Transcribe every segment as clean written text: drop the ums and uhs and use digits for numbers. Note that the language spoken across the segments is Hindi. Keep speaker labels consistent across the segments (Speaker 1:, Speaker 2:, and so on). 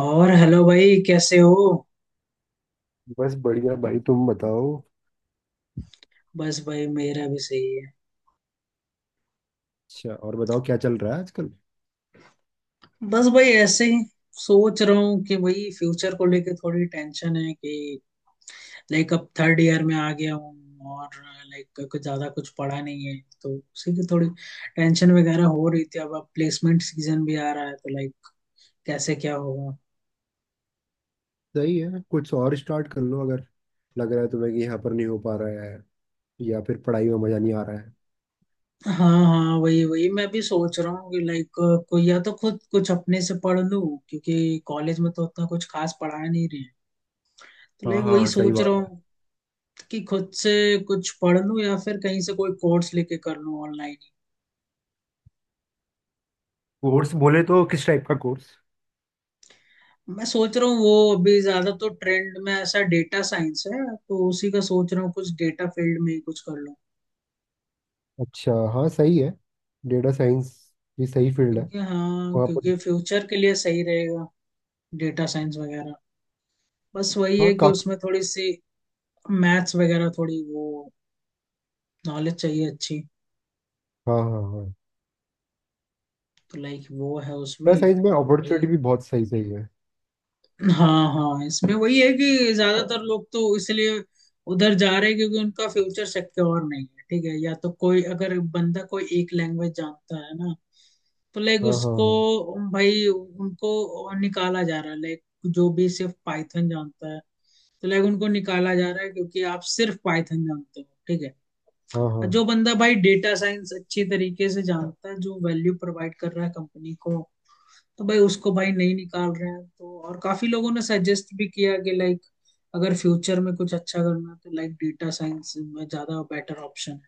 Speaker 1: और हेलो भाई, कैसे हो?
Speaker 2: बस बढ़िया भाई, तुम बताओ।
Speaker 1: बस भाई, मेरा भी सही है।
Speaker 2: अच्छा, और बताओ क्या चल रहा है आजकल।
Speaker 1: बस भाई, ऐसे ही। सोच रहा हूँ कि भाई फ्यूचर को लेके थोड़ी टेंशन है कि लाइक अब थर्ड ईयर में आ गया हूँ और लाइक कुछ ज्यादा कुछ पढ़ा नहीं है तो उसी की थोड़ी टेंशन वगैरह हो रही थी। अब प्लेसमेंट सीजन भी आ रहा है तो लाइक कैसे क्या होगा।
Speaker 2: सही है, कुछ और स्टार्ट कर लो अगर लग रहा है तुम्हें कि यहाँ पर नहीं हो पा रहा है या फिर पढ़ाई में मजा नहीं आ रहा है।
Speaker 1: हाँ हाँ, वही वही मैं भी सोच रहा हूँ कि लाइक कोई या तो खुद कुछ अपने से पढ़ लूँ क्योंकि कॉलेज में तो उतना कुछ खास पढ़ा नहीं रहे हैं तो
Speaker 2: हाँ
Speaker 1: लाइक वही
Speaker 2: हाँ, सही
Speaker 1: सोच
Speaker 2: बात
Speaker 1: रहा
Speaker 2: है।
Speaker 1: हूँ कि खुद से कुछ पढ़ लूं या फिर कहीं से कोई कोर्स लेके कर लूं ऑनलाइन ही।
Speaker 2: कोर्स बोले तो किस टाइप का कोर्स।
Speaker 1: मैं सोच रहा हूँ वो अभी ज्यादा तो ट्रेंड में ऐसा डेटा साइंस है तो उसी का सोच रहा हूँ कुछ डेटा फील्ड में ही कुछ कर लूं।
Speaker 2: अच्छा हाँ, सही है। डेटा साइंस भी सही फील्ड है।
Speaker 1: क्योंकि हाँ,
Speaker 2: वहाँ पर।
Speaker 1: क्योंकि फ्यूचर के लिए सही रहेगा डेटा साइंस वगैरह। बस वही
Speaker 2: हाँ
Speaker 1: है कि
Speaker 2: काफी।
Speaker 1: उसमें थोड़ी सी मैथ्स वगैरह थोड़ी वो नॉलेज चाहिए अच्छी।
Speaker 2: हाँ हाँ हाँ।
Speaker 1: तो लाइक वो है
Speaker 2: डेटा
Speaker 1: उसमें
Speaker 2: साइंस में
Speaker 1: तो वही।
Speaker 2: अपॉर्चुनिटी भी बहुत सही सही है।
Speaker 1: हाँ हाँ, इसमें वही है कि ज्यादातर लोग तो इसलिए उधर जा रहे हैं क्योंकि उनका फ्यूचर सिक्योर नहीं है। ठीक है। या तो कोई अगर बंदा कोई एक लैंग्वेज जानता है ना तो लाइक
Speaker 2: हाँ हाँ
Speaker 1: उसको
Speaker 2: हाँ
Speaker 1: भाई उनको निकाला जा रहा है, लाइक जो भी सिर्फ पाइथन जानता है तो लाइक उनको निकाला जा रहा है क्योंकि आप सिर्फ पाइथन जानते हो। ठीक है।
Speaker 2: हाँ हाँ।
Speaker 1: जो बंदा भाई डेटा साइंस अच्छी तरीके से जानता है, जो वैल्यू प्रोवाइड कर रहा है कंपनी को, तो भाई उसको भाई नहीं निकाल रहे हैं। तो और काफी लोगों ने सजेस्ट भी किया कि लाइक अगर फ्यूचर में कुछ अच्छा करना है तो लाइक डेटा साइंस में ज्यादा बेटर ऑप्शन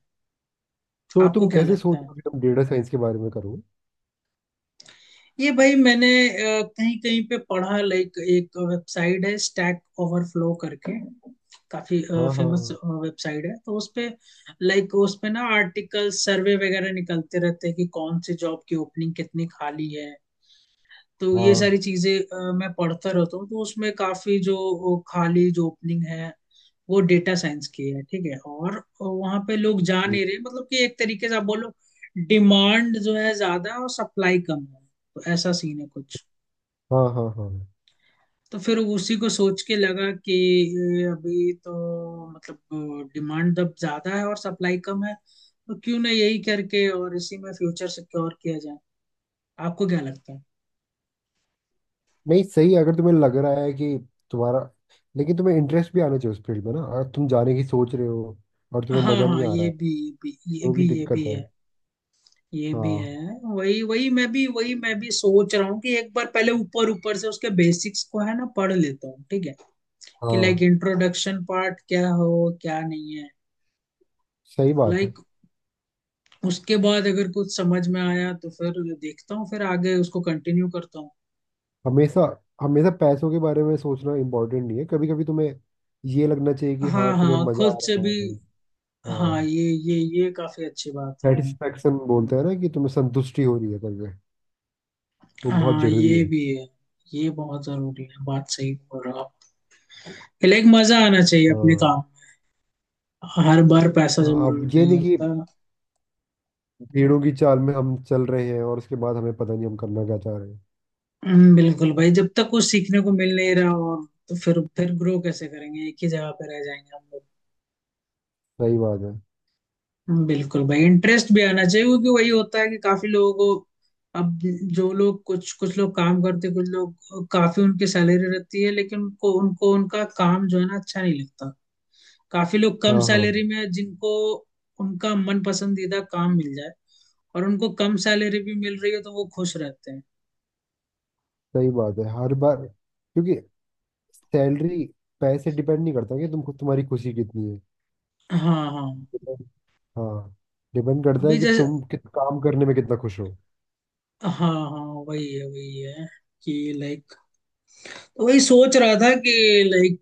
Speaker 1: है।
Speaker 2: तो
Speaker 1: आपको
Speaker 2: तुम
Speaker 1: क्या
Speaker 2: कैसे
Speaker 1: लगता
Speaker 2: सोच रहे
Speaker 1: है?
Speaker 2: हो कि तुम डेटा साइंस के बारे में करो।
Speaker 1: ये भाई मैंने कहीं कहीं पे पढ़ा, लाइक एक वेबसाइट है स्टैक ओवरफ्लो करके, काफी
Speaker 2: हाँ
Speaker 1: फेमस
Speaker 2: हाँ
Speaker 1: वेबसाइट है, तो उसपे लाइक उसपे ना आर्टिकल सर्वे वगैरह निकलते रहते हैं कि कौन से जॉब की ओपनिंग कितनी खाली है। तो
Speaker 2: हाँ
Speaker 1: ये
Speaker 2: हाँ
Speaker 1: सारी चीजें मैं पढ़ता रहता हूँ तो उसमें काफी जो वो खाली जो ओपनिंग है वो डेटा साइंस की है। ठीक है। और वहां पे लोग जा नहीं रहे, मतलब कि एक तरीके से आप बोलो डिमांड जो है ज्यादा और सप्लाई कम है, तो ऐसा सीन है कुछ।
Speaker 2: हाँ हाँ हाँ हाँ।
Speaker 1: तो फिर उसी को सोच के लगा कि ये अभी तो मतलब डिमांड जब ज्यादा है और सप्लाई कम है तो क्यों ना यही करके और इसी में फ्यूचर सिक्योर किया जाए। आपको क्या लगता है?
Speaker 2: नहीं सही है, अगर तुम्हें लग रहा है कि तुम्हारा लेकिन तुम्हें इंटरेस्ट भी आना चाहिए उस फील्ड में ना, अगर तुम जाने की सोच रहे हो और तुम्हें
Speaker 1: हाँ
Speaker 2: मजा नहीं
Speaker 1: हाँ,
Speaker 2: आ रहा
Speaker 1: ये
Speaker 2: है
Speaker 1: भी ये
Speaker 2: तो भी
Speaker 1: भी ये
Speaker 2: दिक्कत
Speaker 1: भी
Speaker 2: है।
Speaker 1: है। ये भी
Speaker 2: हाँ
Speaker 1: है। वही वही मैं भी सोच रहा हूँ कि एक बार पहले ऊपर ऊपर से उसके बेसिक्स को है ना पढ़ लेता हूँ। ठीक है। कि लाइक
Speaker 2: हाँ,
Speaker 1: इंट्रोडक्शन पार्ट क्या हो क्या नहीं है,
Speaker 2: सही बात है।
Speaker 1: लाइक उसके बाद अगर कुछ समझ में आया तो फिर देखता हूँ, फिर आगे उसको कंटिन्यू करता हूँ।
Speaker 2: हमेशा हमेशा पैसों के बारे में सोचना इम्पोर्टेंट नहीं है, कभी कभी तुम्हें ये लगना चाहिए कि हाँ
Speaker 1: हाँ
Speaker 2: तुम्हें
Speaker 1: हाँ,
Speaker 2: मजा
Speaker 1: खुद
Speaker 2: आ
Speaker 1: से
Speaker 2: रहा
Speaker 1: भी।
Speaker 2: है।
Speaker 1: हाँ,
Speaker 2: हाँ।
Speaker 1: ये काफी अच्छी बात है, हाँ।
Speaker 2: सेटिस्फेक्शन बोलते हैं ना कि तुम्हें संतुष्टि हो रही है करके, वो बहुत
Speaker 1: हाँ,
Speaker 2: जरूरी
Speaker 1: ये
Speaker 2: है।
Speaker 1: भी है। ये बहुत जरूरी है, बात सही बोल रहे हो आप। लाइक मजा आना चाहिए अपने
Speaker 2: हाँ
Speaker 1: काम में। हर बार पैसा
Speaker 2: हाँ,
Speaker 1: जरूरी
Speaker 2: अब ये
Speaker 1: नहीं
Speaker 2: नहीं कि
Speaker 1: होता।
Speaker 2: भीड़ों की चाल में हम चल रहे हैं और उसके बाद हमें पता नहीं हम करना क्या चाह रहे हैं।
Speaker 1: बिल्कुल भाई, जब तक कुछ सीखने को मिल नहीं रहा और तो फिर ग्रो कैसे करेंगे, एक ही जगह पे रह जाएंगे हम लोग।
Speaker 2: सही बात है।
Speaker 1: बिल्कुल भाई, इंटरेस्ट भी आना चाहिए क्योंकि वही होता है कि काफी लोगों को अब जो लोग कुछ कुछ लोग काम करते कुछ लोग काफी उनकी सैलरी रहती है लेकिन उनको उनको उनका काम जो है ना अच्छा नहीं लगता। काफी लोग कम
Speaker 2: हाँ हाँ,
Speaker 1: सैलरी में जिनको उनका मन पसंदीदा काम मिल जाए और उनको कम सैलरी भी मिल रही है तो वो खुश रहते हैं।
Speaker 2: सही बात है। हर बार क्योंकि सैलरी पैसे डिपेंड नहीं करता कि तुम तुम्हारी खुशी कितनी है।
Speaker 1: हाँ हाँ,
Speaker 2: Depend-। हाँ। डिपेंड करता है
Speaker 1: अभी
Speaker 2: कि
Speaker 1: जैसे,
Speaker 2: तुम किस काम करने में कितना खुश हो।
Speaker 1: हाँ हाँ, वही है कि लाइक तो वही सोच रहा था कि लाइक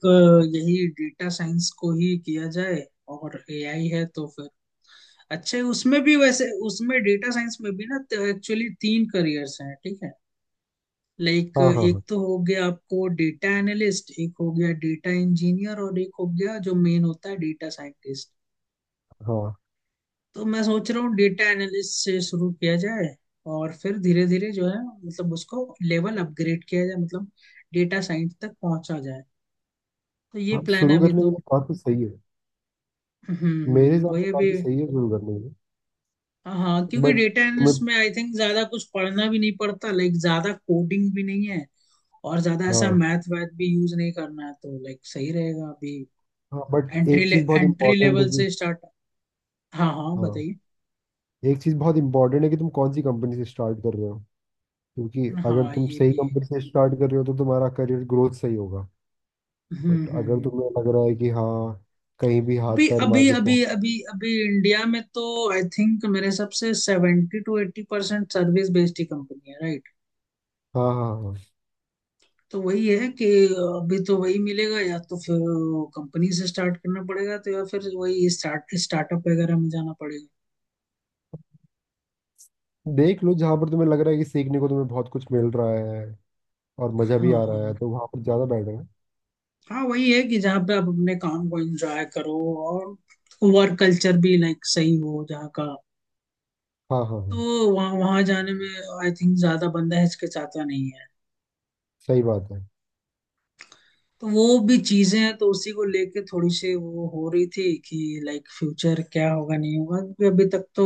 Speaker 1: यही डेटा साइंस को ही किया जाए। और AI है तो फिर अच्छा है, उसमें भी, वैसे उसमें डेटा साइंस में भी ना एक्चुअली तीन करियर्स हैं। ठीक है। लाइक
Speaker 2: हाँ हाँ
Speaker 1: एक
Speaker 2: हाँ
Speaker 1: तो हो गया आपको डेटा एनालिस्ट, एक हो गया डेटा इंजीनियर, और एक हो गया जो मेन होता है डेटा साइंटिस्ट।
Speaker 2: हाँ।
Speaker 1: तो मैं सोच रहा हूँ डेटा एनालिस्ट से शुरू किया जाए और फिर धीरे धीरे जो है मतलब उसको लेवल अपग्रेड किया जाए, मतलब डेटा साइंस तक पहुंचा जाए। तो ये
Speaker 2: हाँ
Speaker 1: प्लान है
Speaker 2: शुरू
Speaker 1: अभी
Speaker 2: करने
Speaker 1: तो।
Speaker 2: के लिए काफी सही है। मेरे हिसाब से
Speaker 1: वही अभी।
Speaker 2: काफी सही है शुरू करने के लिए।
Speaker 1: हाँ, क्योंकि
Speaker 2: बट
Speaker 1: डेटा
Speaker 2: तुम्हें
Speaker 1: एनालिस्ट में आई थिंक ज्यादा कुछ पढ़ना भी नहीं पड़ता, लाइक ज्यादा कोडिंग भी नहीं है और ज्यादा ऐसा
Speaker 2: हाँ
Speaker 1: मैथ वैथ भी यूज नहीं करना है तो लाइक सही रहेगा अभी।
Speaker 2: हाँ, बट एक चीज बहुत
Speaker 1: एंट्री
Speaker 2: इम्पोर्टेंट है
Speaker 1: लेवल
Speaker 2: कि
Speaker 1: से स्टार्ट। हाँ हाँ,
Speaker 2: हाँ,
Speaker 1: बताइए।
Speaker 2: एक चीज बहुत इम्पोर्टेंट है कि तुम कौन सी कंपनी से स्टार्ट कर रहे हो। क्योंकि अगर
Speaker 1: हाँ,
Speaker 2: तुम
Speaker 1: ये
Speaker 2: सही
Speaker 1: भी है।
Speaker 2: कंपनी से स्टार्ट कर रहे हो तो तुम्हारा करियर ग्रोथ सही होगा।
Speaker 1: हम्म
Speaker 2: बट
Speaker 1: हम्म
Speaker 2: अगर
Speaker 1: हम्म।
Speaker 2: तुम्हें लग रहा है कि हाँ कहीं भी हाथ
Speaker 1: अभी
Speaker 2: पैर मार
Speaker 1: अभी
Speaker 2: के
Speaker 1: अभी
Speaker 2: पहुंच।
Speaker 1: अभी अभी इंडिया में तो आई थिंक मेरे हिसाब से 70-80% सर्विस बेस्ड ही कंपनी है, right?
Speaker 2: हाँ हाँ हाँ हाँ।
Speaker 1: तो वही है कि अभी तो वही मिलेगा या तो फिर कंपनी से स्टार्ट करना पड़ेगा तो, या फिर वही स्टार्टअप वगैरह में जाना पड़ेगा।
Speaker 2: देख लो जहाँ पर तुम्हें लग रहा है कि सीखने को तुम्हें बहुत कुछ मिल रहा है और मज़ा भी
Speaker 1: हाँ
Speaker 2: आ रहा है
Speaker 1: हाँ
Speaker 2: तो वहाँ पर ज़्यादा बेटर है।
Speaker 1: हाँ, वही है कि जहाँ पे आप अपने काम को एंजॉय करो और वर्क कल्चर भी लाइक सही हो जहाँ का,
Speaker 2: हाँ हाँ हाँ,
Speaker 1: तो वहाँ वहाँ जाने में आई थिंक ज्यादा बंदा हिचकिचाता नहीं है।
Speaker 2: सही बात है।
Speaker 1: तो वो भी चीजें हैं तो उसी को लेके थोड़ी सी वो हो रही थी कि लाइक फ्यूचर क्या होगा नहीं होगा क्योंकि अभी तक तो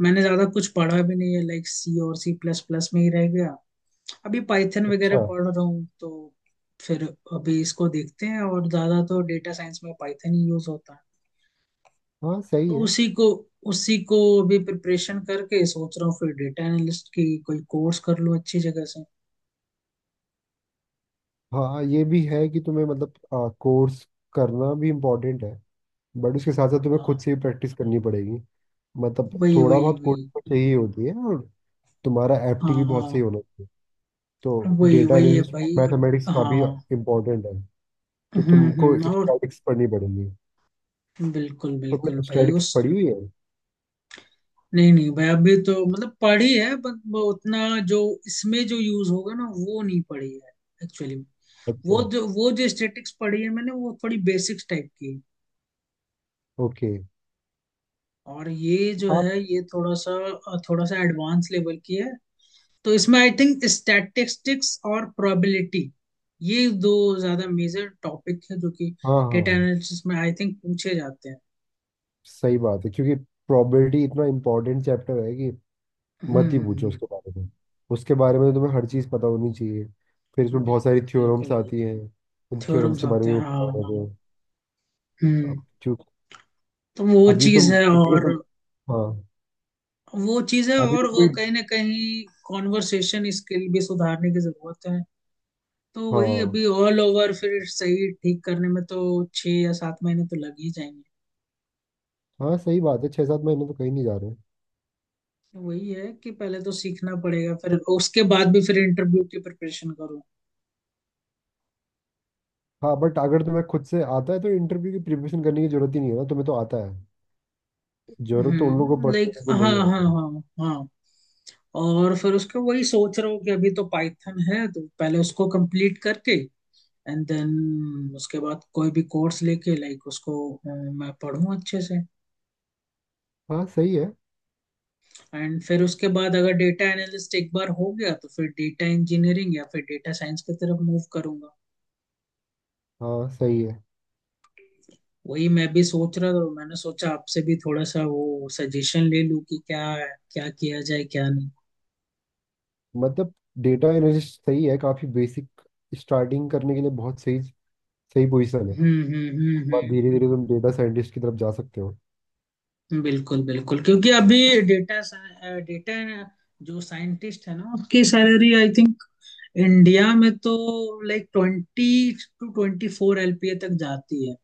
Speaker 1: मैंने ज्यादा कुछ पढ़ा भी नहीं है, लाइक सी और C++ में ही रह गया। अभी पाइथन
Speaker 2: अच्छा
Speaker 1: वगैरह पढ़ रहा हूँ तो फिर अभी इसको देखते हैं, और ज्यादा तो डेटा साइंस में पाइथन ही यूज होता है।
Speaker 2: हाँ सही
Speaker 1: तो
Speaker 2: है।
Speaker 1: उसी को अभी प्रिपरेशन करके सोच रहा हूँ फिर डेटा एनालिस्ट की कोई कोर्स कर लूँ अच्छी जगह से।
Speaker 2: हाँ हाँ, ये भी है कि तुम्हें मतलब कोर्स करना भी इम्पोर्टेंट है, बट उसके साथ साथ तुम्हें
Speaker 1: हाँ,
Speaker 2: खुद से भी प्रैक्टिस करनी पड़ेगी। मतलब
Speaker 1: वही
Speaker 2: थोड़ा
Speaker 1: वही
Speaker 2: बहुत
Speaker 1: वही
Speaker 2: कोडिंग तो चाहिए होती है और तुम्हारा
Speaker 1: हाँ
Speaker 2: एप्टी भी बहुत सही
Speaker 1: हाँ,
Speaker 2: होना चाहिए। तो
Speaker 1: वही
Speaker 2: डेटा
Speaker 1: वही है
Speaker 2: एनालिस्ट,
Speaker 1: भाई,
Speaker 2: मैथमेटिक्स काफ़ी
Speaker 1: हाँ।
Speaker 2: इम्पोर्टेंट है। तो तुमको
Speaker 1: और
Speaker 2: स्टैटिक्स पढ़नी पड़ेगी।
Speaker 1: बिल्कुल बिल्कुल
Speaker 2: तुमने
Speaker 1: भाई,
Speaker 2: स्टैटिक्स
Speaker 1: उस
Speaker 2: पढ़ी हुई है।
Speaker 1: नहीं नहीं भाई, अभी तो मतलब पढ़ी है बट वो उतना जो इसमें जो यूज होगा ना वो नहीं पढ़ी है एक्चुअली।
Speaker 2: अच्छा।
Speaker 1: वो जो स्टैटिक्स पढ़ी है मैंने वो थोड़ी बेसिक्स टाइप की है।
Speaker 2: ओके।
Speaker 1: और ये जो
Speaker 2: हाँ
Speaker 1: है ये थोड़ा सा एडवांस लेवल की है। तो इसमें आई थिंक स्टैटिस्टिक्स और प्रोबेबिलिटी, ये दो ज्यादा मेजर टॉपिक है जो कि
Speaker 2: हाँ
Speaker 1: डेटा
Speaker 2: हाँ,
Speaker 1: एनालिसिस में आई थिंक पूछे जाते हैं।
Speaker 2: सही बात है क्योंकि प्रोबेबिलिटी इतना इम्पोर्टेंट चैप्टर है कि मत
Speaker 1: हम्म
Speaker 2: ही पूछो
Speaker 1: हम्म,
Speaker 2: उसके बारे में। उसके बारे में तो तुम्हें हर चीज़ पता होनी चाहिए। फिर इसमें बहुत सारी
Speaker 1: बिल्कुल
Speaker 2: थ्योरम्स
Speaker 1: बिल्कुल,
Speaker 2: आती हैं। उन थ्योरम्स
Speaker 1: थ्योरम्स
Speaker 2: के बारे
Speaker 1: आते
Speaker 2: में
Speaker 1: हैं
Speaker 2: भी पता
Speaker 1: हाँ
Speaker 2: होना
Speaker 1: हाँ,
Speaker 2: चाहिए।
Speaker 1: हम्म।
Speaker 2: अब क्योंकि
Speaker 1: तो वो
Speaker 2: अभी
Speaker 1: चीज
Speaker 2: तुम
Speaker 1: है
Speaker 2: क्योंकि
Speaker 1: और
Speaker 2: तुम हाँ।
Speaker 1: वो चीज है
Speaker 2: अभी
Speaker 1: और
Speaker 2: तो
Speaker 1: वो
Speaker 2: कोई
Speaker 1: कहीं ना कहीं कॉन्वर्सेशन स्किल भी सुधारने की जरूरत है। तो वही
Speaker 2: हाँ
Speaker 1: अभी ऑल ओवर फिर सही ठीक करने में तो 6 या 7 महीने तो लग ही जाएंगे।
Speaker 2: हाँ, सही बात है। 6-7 महीने तो कहीं नहीं जा रहे।
Speaker 1: तो वही है कि पहले तो सीखना पड़ेगा फिर उसके बाद भी फिर इंटरव्यू की प्रिपरेशन करो।
Speaker 2: हाँ बट अगर तुम्हें खुद से आता है तो इंटरव्यू की प्रिपरेशन करने की जरूरत ही नहीं है ना, तुम्हें तो आता है। जरूरत तो उन लोगों को
Speaker 1: हम्म,
Speaker 2: पड़ती है,
Speaker 1: लाइक
Speaker 2: उनको
Speaker 1: हाँ
Speaker 2: नहीं
Speaker 1: हाँ
Speaker 2: आता है।
Speaker 1: हाँ हाँ। और फिर उसके वही सोच रहा हूँ कि अभी तो पाइथन है तो पहले उसको कंप्लीट करके एंड देन उसके बाद कोई भी कोर्स लेके लाइक उसको मैं पढूं अच्छे से।
Speaker 2: हाँ सही है।
Speaker 1: एंड फिर उसके बाद अगर डेटा एनालिस्ट एक बार हो गया तो फिर डेटा इंजीनियरिंग या फिर डेटा साइंस की तरफ मूव करूंगा।
Speaker 2: हाँ सही है।
Speaker 1: वही मैं भी सोच रहा था तो मैंने सोचा आपसे भी थोड़ा सा वो सजेशन ले लूं कि क्या क्या किया जाए क्या नहीं।
Speaker 2: मतलब डेटा एनालिस्ट सही है, काफी बेसिक, स्टार्टिंग करने के लिए बहुत सही सही पोजीशन है।
Speaker 1: हम्म हम्म
Speaker 2: और
Speaker 1: हम्म
Speaker 2: धीरे धीरे तुम डेटा साइंटिस्ट की तरफ जा सकते हो।
Speaker 1: बिल्कुल बिल्कुल क्योंकि अभी डेटा डेटा जो साइंटिस्ट है ना उसकी सैलरी आई थिंक इंडिया में तो लाइक 20-24 LPA तक जाती है।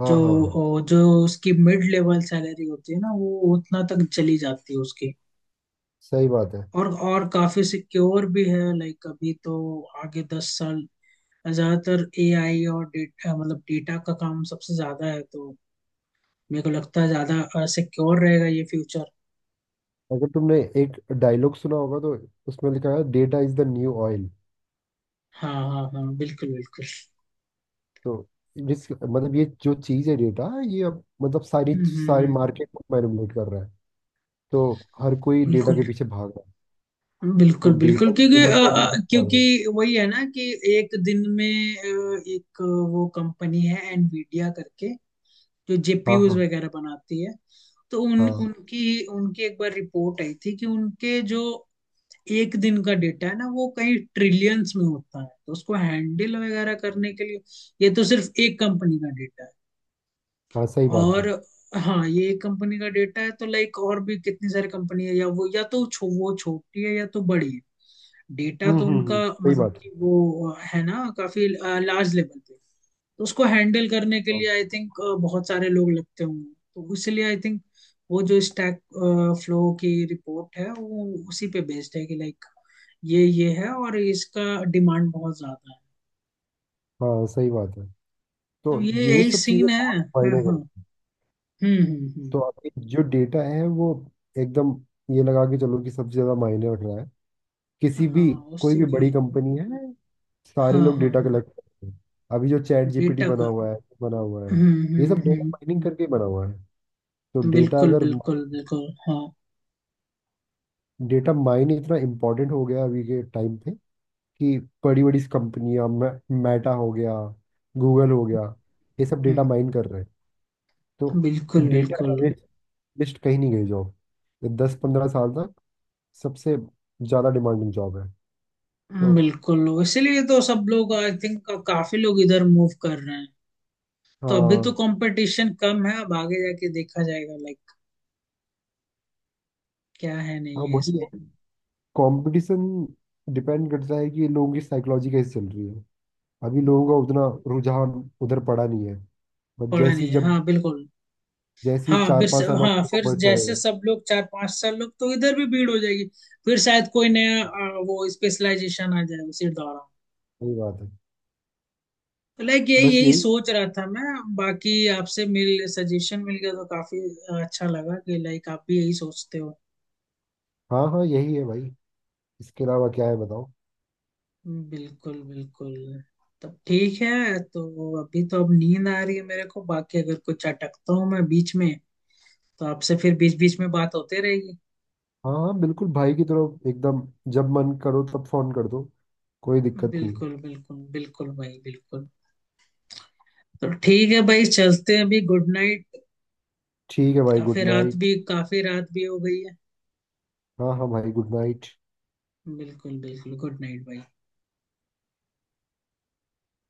Speaker 2: हाँ
Speaker 1: जो
Speaker 2: हाँ हाँ,
Speaker 1: जो उसकी मिड लेवल सैलरी होती है ना वो उतना तक चली जाती है उसकी।
Speaker 2: सही बात है।
Speaker 1: और काफी सिक्योर भी है लाइक अभी तो, आगे 10 साल ज्यादातर AI और डेटा, मतलब डेटा का काम सबसे ज्यादा है तो मेरे को लगता है ज्यादा सिक्योर रहेगा ये फ्यूचर।
Speaker 2: अगर तुमने एक डायलॉग सुना होगा तो उसमें लिखा है data is the new oil.
Speaker 1: हाँ हाँ हाँ, बिल्कुल बिल्कुल।
Speaker 2: तो जिस मतलब ये जो चीज है डेटा, ये अब मतलब सारी
Speaker 1: हम्म हम्म
Speaker 2: सारी
Speaker 1: हम्म,
Speaker 2: मार्केट को मैनिपुलेट कर रहा है। तो हर कोई डेटा के
Speaker 1: बिल्कुल
Speaker 2: पीछे भाग रहा है। तो
Speaker 1: बिल्कुल
Speaker 2: डेटा
Speaker 1: बिल्कुल
Speaker 2: की
Speaker 1: क्योंकि
Speaker 2: कीमत तो अभी तक ज्यादा
Speaker 1: क्योंकि
Speaker 2: है।
Speaker 1: वही है ना कि एक दिन में एक वो कंपनी है एनवीडिया करके जो
Speaker 2: हाँ
Speaker 1: जेपीयूज
Speaker 2: हाँ
Speaker 1: वगैरह बनाती है। तो उन
Speaker 2: हाँ
Speaker 1: उनकी उनकी एक बार रिपोर्ट आई थी कि उनके जो एक दिन का डेटा है ना वो कहीं ट्रिलियंस में होता है तो उसको हैंडल वगैरह करने के लिए, ये तो सिर्फ एक कंपनी का डेटा है।
Speaker 2: हाँ, सही बात है।
Speaker 1: और हाँ, ये एक कंपनी का डेटा है, तो लाइक और भी कितनी सारी कंपनी है या वो या तो वो छोटी है या तो बड़ी है। डेटा तो उनका,
Speaker 2: सही
Speaker 1: मतलब
Speaker 2: बात है।
Speaker 1: कि वो है ना काफी लार्ज लेवल पे, तो उसको हैंडल करने के
Speaker 2: हाँ
Speaker 1: लिए आई थिंक बहुत सारे लोग लगते होंगे तो इसलिए आई थिंक वो जो स्टैक फ्लो की रिपोर्ट है वो उसी पे बेस्ड है कि लाइक ये है और इसका डिमांड बहुत ज्यादा है।
Speaker 2: हाँ, सही बात है।
Speaker 1: तो
Speaker 2: तो
Speaker 1: ये
Speaker 2: ये
Speaker 1: यही
Speaker 2: सब चीज़ें
Speaker 1: सीन है,
Speaker 2: बहुत
Speaker 1: हाँ
Speaker 2: मायने
Speaker 1: हाँ।
Speaker 2: करती हैं।
Speaker 1: हम्म,
Speaker 2: तो अभी जो डेटा है वो एकदम ये लगा के चलो कि सबसे ज़्यादा मायने रख रहा है। किसी भी
Speaker 1: हाँ
Speaker 2: कोई
Speaker 1: उससे,
Speaker 2: भी बड़ी कंपनी है,
Speaker 1: हाँ
Speaker 2: सारे लोग
Speaker 1: हाँ
Speaker 2: डेटा
Speaker 1: हाँ,
Speaker 2: कलेक्ट करते हैं। अभी जो चैट GPT
Speaker 1: डेटा
Speaker 2: बना
Speaker 1: का
Speaker 2: हुआ है, बना हुआ है, ये सब डेटा
Speaker 1: हम्म,
Speaker 2: माइनिंग करके बना हुआ है। तो डेटा
Speaker 1: बिल्कुल
Speaker 2: अगर
Speaker 1: बिल्कुल बिल्कुल हाँ,
Speaker 2: डेटा माइन इतना इम्पोर्टेंट हो गया अभी के टाइम पे कि बड़ी बड़ी कंपनियां, मेटा हो गया, गूगल हो गया, ये सब डेटा
Speaker 1: हम्म,
Speaker 2: माइन कर रहे हैं। तो
Speaker 1: बिल्कुल
Speaker 2: डेटा
Speaker 1: बिल्कुल।
Speaker 2: एनालिस्ट कहीं नहीं गई जॉब, ये 10-15 साल तक सबसे ज़्यादा डिमांडिंग जॉब है। तो
Speaker 1: बिल्कुल इसीलिए तो सब लोग आई थिंक काफी लोग इधर मूव कर रहे हैं। तो अभी तो
Speaker 2: हाँ
Speaker 1: कंपटीशन कम है, अब आगे जाके देखा जाएगा लाइक क्या है
Speaker 2: हाँ,
Speaker 1: नहीं है
Speaker 2: वही
Speaker 1: इसमें।
Speaker 2: है। कंपटीशन डिपेंड करता है कि लोगों की साइकोलॉजी कैसी चल रही है। अभी लोगों का उतना रुझान उधर पड़ा नहीं है। बट
Speaker 1: पड़ा
Speaker 2: जैसी
Speaker 1: नहीं है,
Speaker 2: जब,
Speaker 1: हाँ बिल्कुल।
Speaker 2: जैसी
Speaker 1: हाँ
Speaker 2: चार पाँच साल बाद
Speaker 1: हाँ
Speaker 2: लोगों
Speaker 1: फिर
Speaker 2: को पता
Speaker 1: जैसे
Speaker 2: चलेगा।
Speaker 1: सब लोग 4-5 साल लोग तो इधर भी भीड़ हो जाएगी। फिर शायद कोई नया वो स्पेशलाइजेशन आ जाए उसी दौरान।
Speaker 2: सही बात है।
Speaker 1: लाइक यही
Speaker 2: बस
Speaker 1: यही
Speaker 2: यही।
Speaker 1: सोच रहा था मैं, बाकी आपसे मिल सजेशन मिल गया तो काफी अच्छा लगा कि लाइक आप भी यही सोचते हो।
Speaker 2: हाँ हाँ, यही है भाई। इसके अलावा क्या है बताओ।
Speaker 1: बिल्कुल बिल्कुल। तब ठीक है तो अभी तो अब नींद आ रही है मेरे को, बाकी अगर कुछ अटकता हूँ मैं बीच में तो आपसे फिर बीच बीच में बात होते रहेगी।
Speaker 2: हाँ हाँ, बिल्कुल भाई की तरफ एकदम, जब मन करो तब फोन कर दो, कोई दिक्कत नहीं है।
Speaker 1: बिल्कुल बिल्कुल बिल्कुल भाई बिल्कुल। तो ठीक है भाई, चलते हैं अभी, गुड नाइट।
Speaker 2: ठीक है भाई, गुड
Speaker 1: काफी रात
Speaker 2: नाइट।
Speaker 1: भी काफी रात भी हो गई है।
Speaker 2: हाँ हाँ भाई, गुड नाइट।
Speaker 1: बिल्कुल बिल्कुल गुड नाइट भाई।